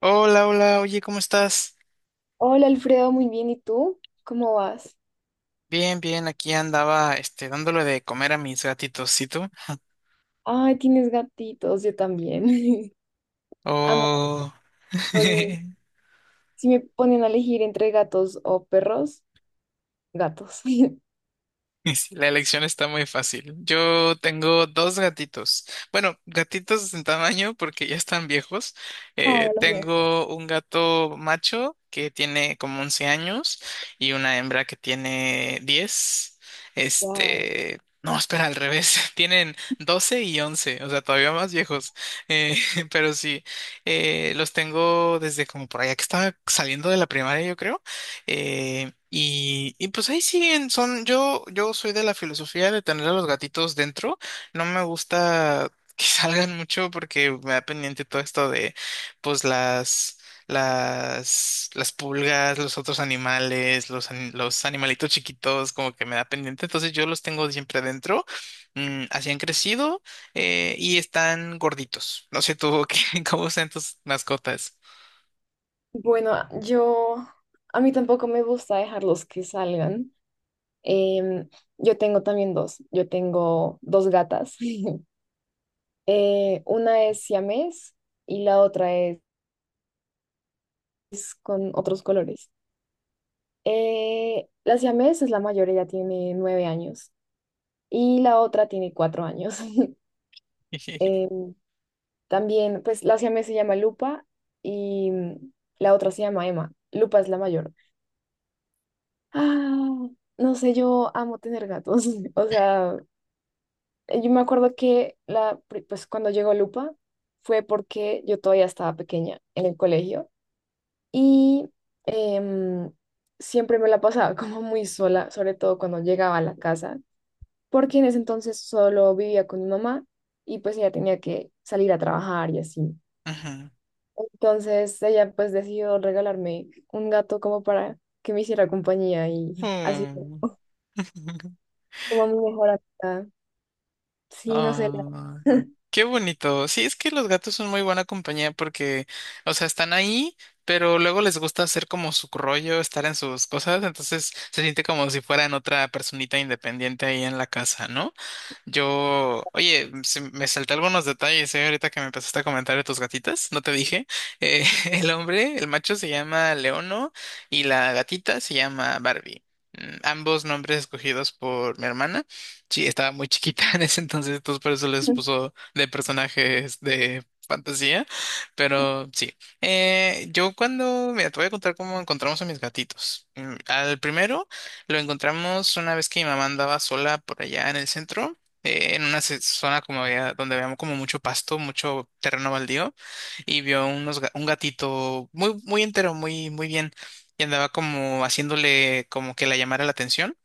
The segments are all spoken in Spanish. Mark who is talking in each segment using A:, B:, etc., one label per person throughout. A: Hola, hola, oye, ¿cómo estás?
B: Hola Alfredo, muy bien. ¿Y tú? ¿Cómo vas?
A: Bien, bien, aquí andaba, dándole de comer a mis gatitos, ¿y tú?
B: Ay, tienes gatitos, yo también. Amo,
A: Oh.
B: soy... Si me ponen a elegir entre gatos o perros, gatos.
A: Y sí, la elección está muy fácil. Yo tengo dos gatitos. Bueno, gatitos en tamaño porque ya están viejos.
B: Ah,
A: Eh,
B: los dos.
A: tengo un gato macho que tiene como 11 años y una hembra que tiene 10.
B: Wow.
A: No, espera, al revés. Tienen 12 y 11, o sea, todavía más viejos. Eh, pero sí, los tengo desde como por allá que estaba saliendo de la primaria, yo creo. Y pues ahí siguen, son, yo soy de la filosofía de tener a los gatitos dentro, no me gusta que salgan mucho porque me da pendiente todo esto de pues las pulgas, los otros animales, los animalitos chiquitos, como que me da pendiente, entonces yo los tengo siempre dentro, así han crecido, y están gorditos, no sé tú cómo sean tus mascotas.
B: Bueno, yo... A mí tampoco me gusta dejarlos que salgan. Em, yo tengo también dos. Yo tengo dos gatas. Una es siamés y la otra es con otros colores. La siamesa es la mayor, ella tiene 9 años y la otra tiene 4 años. Eh, también, pues la siamesa se llama Lupa y la otra se llama Emma. Lupa es la mayor. Ah, no sé, yo amo tener gatos. O sea, yo me acuerdo que pues cuando llegó Lupa fue porque yo todavía estaba pequeña en el colegio y em, siempre me la pasaba como muy sola, sobre todo cuando llegaba a la casa porque en ese entonces solo vivía con mi mamá y pues ella tenía que salir a trabajar y así.
A: Ujú.
B: Entonces ella pues decidió regalarme un gato como para que me hiciera compañía y así
A: Mm.
B: fue como mi mejor amiga. Sí, no sé.
A: Ah, qué bonito. Sí, es que los gatos son muy buena compañía porque, o sea, están ahí, pero luego les gusta hacer como su rollo, estar en sus cosas, entonces se siente como si fueran otra personita independiente ahí en la casa, ¿no? Oye, me salté algunos detalles, ¿eh? Ahorita que me empezaste a comentar de tus gatitas, no te dije. Eh, el macho se llama Leono y la gatita se llama Barbie. Ambos nombres escogidos por mi hermana. Sí, estaba muy chiquita en ese entonces, entonces por eso les puso de personajes de fantasía. Pero sí. Mira, te voy a contar cómo encontramos a mis gatitos. Al primero lo encontramos una vez que mi mamá andaba sola por allá en el centro, en una zona donde había como mucho pasto, mucho terreno baldío, y vio un gatito muy, muy entero, muy, muy bien, y andaba como haciéndole como que la llamara la atención.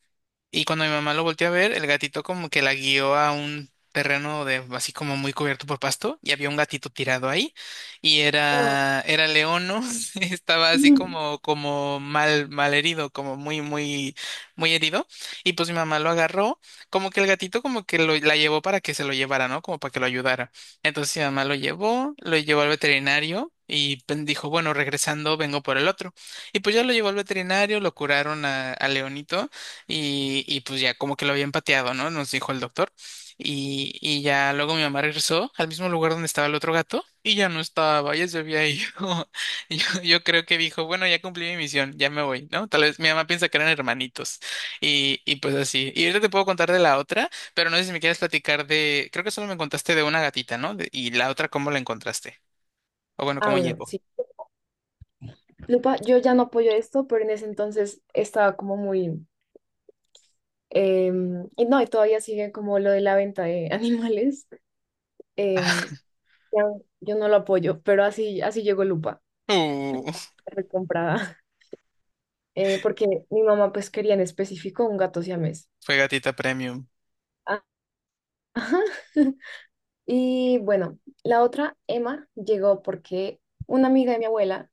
A: Y cuando mi mamá lo volteó a ver, el gatito como que la guió a un terreno de así como muy cubierto por pasto y había un gatito tirado ahí y
B: Ah,
A: era Leono. Estaba así
B: ujú.
A: como mal mal herido, como muy muy muy herido, y pues mi mamá lo agarró, como que el gatito como que la llevó para que se lo llevara, ¿no? Como para que lo ayudara. Entonces mi mamá lo llevó, al veterinario y dijo, bueno, regresando vengo por el otro. Y pues ya lo llevó al veterinario, lo curaron a Leonito, y, pues ya como que lo había empateado, ¿no? Nos dijo el doctor. Y ya luego mi mamá regresó al mismo lugar donde estaba el otro gato y ya no estaba, ya se había ido. Yo creo que dijo, bueno, ya cumplí mi misión, ya me voy, ¿no? Tal vez mi mamá piensa que eran hermanitos y pues así. Y ahorita te puedo contar de la otra, pero no sé si me quieres platicar creo que solo me contaste de una gatita, ¿no? Y la otra, ¿cómo la encontraste? O bueno,
B: Ah,
A: ¿cómo
B: bueno,
A: llegó?
B: sí. Lupa, yo ya no apoyo esto, pero en ese entonces estaba como muy... y no, y todavía sigue como lo de la venta de animales. em, ya, yo no lo apoyo, pero así llegó Lupa.
A: Uh,
B: Recomprada, porque mi mamá pues quería en específico un gato siamés.
A: fue gatita premium.
B: Ah, ajá. Y bueno, la otra, Emma, llegó porque una amiga de mi abuela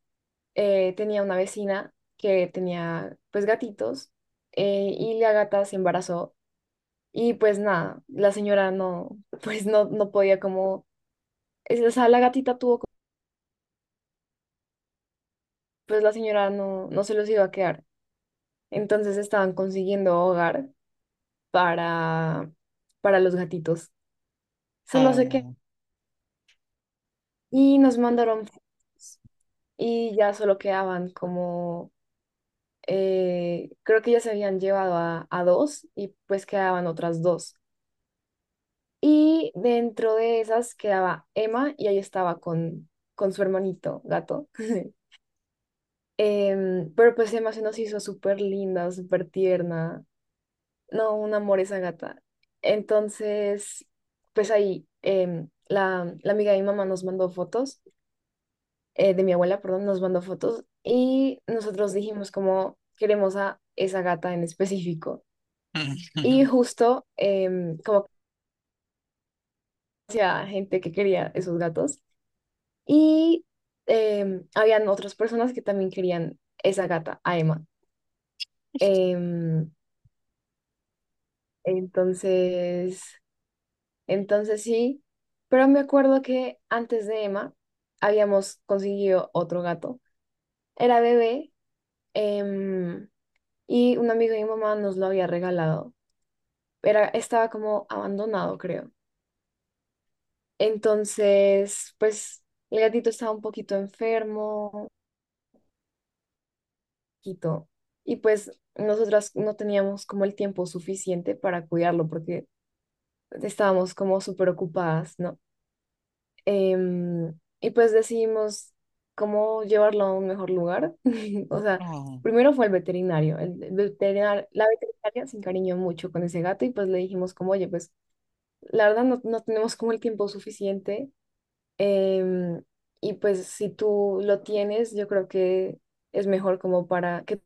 B: tenía una vecina que tenía pues gatitos y la gata se embarazó y pues nada, la señora no, no podía como, o sea, la gatita tuvo, co- pues la señora no, no se los iba a quedar. Entonces estaban consiguiendo hogar para, para los gatitos. Solo sé que...
A: Oh.
B: Y nos mandaron fotos y ya solo quedaban como... creo que ya se habían llevado a dos y pues quedaban otras dos. Y dentro de esas quedaba Emma y ahí estaba con su hermanito gato. Pero pues Emma se nos hizo súper linda, súper tierna. No, un amor esa gata. Entonces, pues ahí la amiga de mi mamá nos mandó fotos de mi abuela, perdón, nos mandó fotos y nosotros dijimos como queremos a esa gata en específico. Y justo como hacía gente que quería esos gatos y habían otras personas que también querían esa gata, a Emma. Em, entonces, entonces sí, pero me acuerdo que antes de Emma habíamos conseguido otro gato. Era bebé em, y un amigo de mi mamá nos lo había regalado. Era, estaba como abandonado, creo. Entonces, pues el gatito estaba un poquito enfermo, poquito, y pues nosotras no teníamos como el tiempo suficiente para cuidarlo porque estábamos como súper ocupadas, ¿no? Y pues decidimos cómo llevarlo a un mejor lugar. O sea,
A: Oh.
B: primero fue el veterinario, la veterinaria se encariñó mucho con ese gato y pues le dijimos como, oye, pues la verdad no, no tenemos como el tiempo suficiente. Em, y pues si tú lo tienes, yo creo que es mejor como para que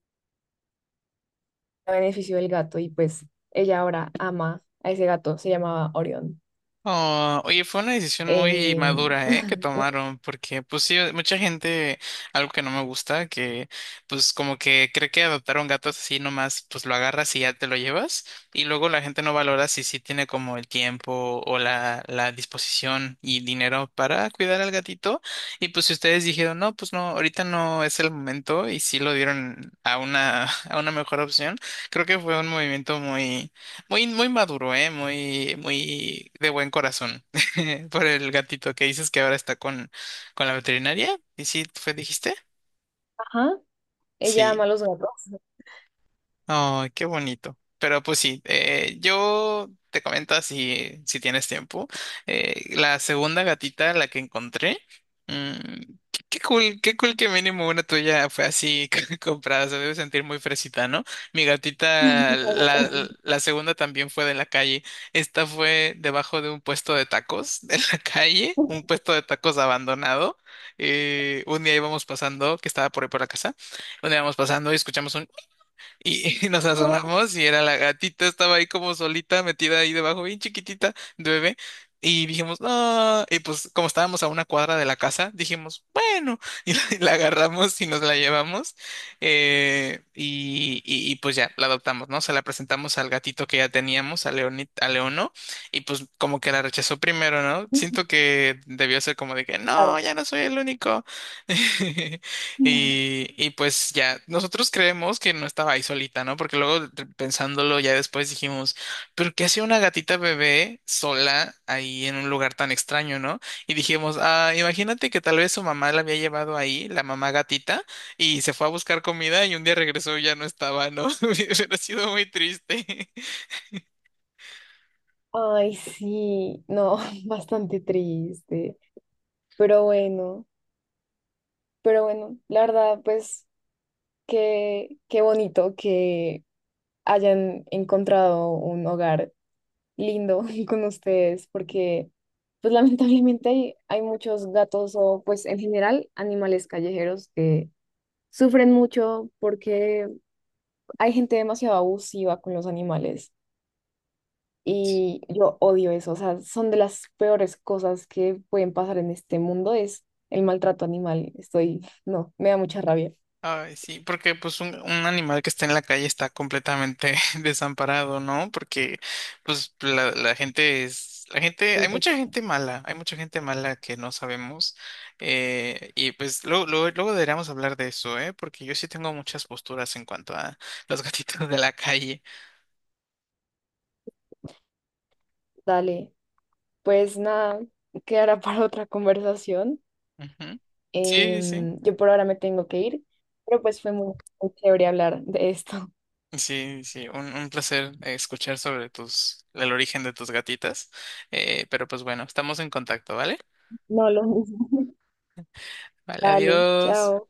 B: tenga beneficio del gato y pues ella ahora ama a ese gato, se llamaba Orión.
A: Oh, oye, fue una decisión muy
B: Em,
A: madura, ¿eh? Que tomaron, porque pues sí, mucha gente, algo que no me gusta, que pues como que cree que adoptar un gato es así nomás, pues lo agarras y ya te lo llevas, y luego la gente no valora si sí tiene como el tiempo o la disposición y dinero para cuidar al gatito, y pues si ustedes dijeron, no, pues no, ahorita no es el momento, y sí lo dieron a una, a una mejor opción. Creo que fue un movimiento muy muy, muy maduro, ¿eh? Muy, muy de buen corazón por el gatito que dices que ahora está con la veterinaria. ¿Y sí, fue, dijiste?
B: ajá, ella ama
A: Sí.
B: a los gatos.
A: Ay, qué bonito. Pero pues sí, yo te comento si tienes tiempo. La segunda gatita, la que encontré, mm, qué cool que mínimo una tuya fue así comprada. Se debe sentir muy fresita, ¿no? Mi gatita,
B: Hay gatos.
A: la segunda también fue de la calle. Esta fue debajo de un puesto de tacos de la calle, un puesto de tacos abandonado. Un día íbamos pasando, que estaba por ahí por la casa. Un día íbamos pasando y escuchamos, y, y nos asomamos y era la gatita, estaba ahí como solita, metida ahí debajo, bien chiquitita, de bebé. Y dijimos, no, y pues como estábamos a una cuadra de la casa, dijimos, bueno, y la agarramos y nos la llevamos. Pues ya, la adoptamos, ¿no? Se la presentamos al gatito que ya teníamos, a a Leono, y pues como que la rechazó primero, ¿no? Siento que debió ser como de que, no,
B: Claro.
A: ya no soy el único. Y pues ya, nosotros creemos que no estaba ahí solita, ¿no? Porque luego pensándolo ya después dijimos, ¿pero qué hace una gatita bebé sola ahí en un lugar tan extraño? ¿No? Y dijimos, ah, imagínate que tal vez su mamá la había llevado ahí, la mamá gatita, y se fue a buscar comida y un día regresó y ya no estaba, ¿no? Hubiera sido muy triste.
B: Ay, sí, no, bastante triste, pero bueno, pero bueno, la verdad, pues qué, qué bonito que hayan encontrado un hogar lindo con ustedes, porque pues lamentablemente hay muchos gatos o pues en general animales callejeros que sufren mucho porque hay gente demasiado abusiva con los animales y yo odio eso, o sea, son de las peores cosas que pueden pasar en este mundo, es el maltrato animal. Estoy, no, me da mucha rabia.
A: Ay, sí, porque pues un animal que está en la calle está completamente desamparado, ¿no? Porque pues la gente la gente,
B: Sí,
A: hay mucha
B: total.
A: gente mala, hay mucha gente mala que no sabemos. Y pues luego, luego, luego deberíamos hablar de eso, ¿eh? Porque yo sí tengo muchas posturas en cuanto a los gatitos de la calle.
B: Dale, pues nada, quedará para otra conversación.
A: Ujú. Sí, sí,
B: Yo por ahora me tengo que ir, pero pues fue muy muy chévere hablar de esto.
A: sí, sí, un placer, escuchar sobre el origen de tus gatitas. Pero pues bueno, estamos en contacto, ¿vale?
B: No, lo mismo.
A: Vale,
B: Vale,
A: adiós.
B: chao.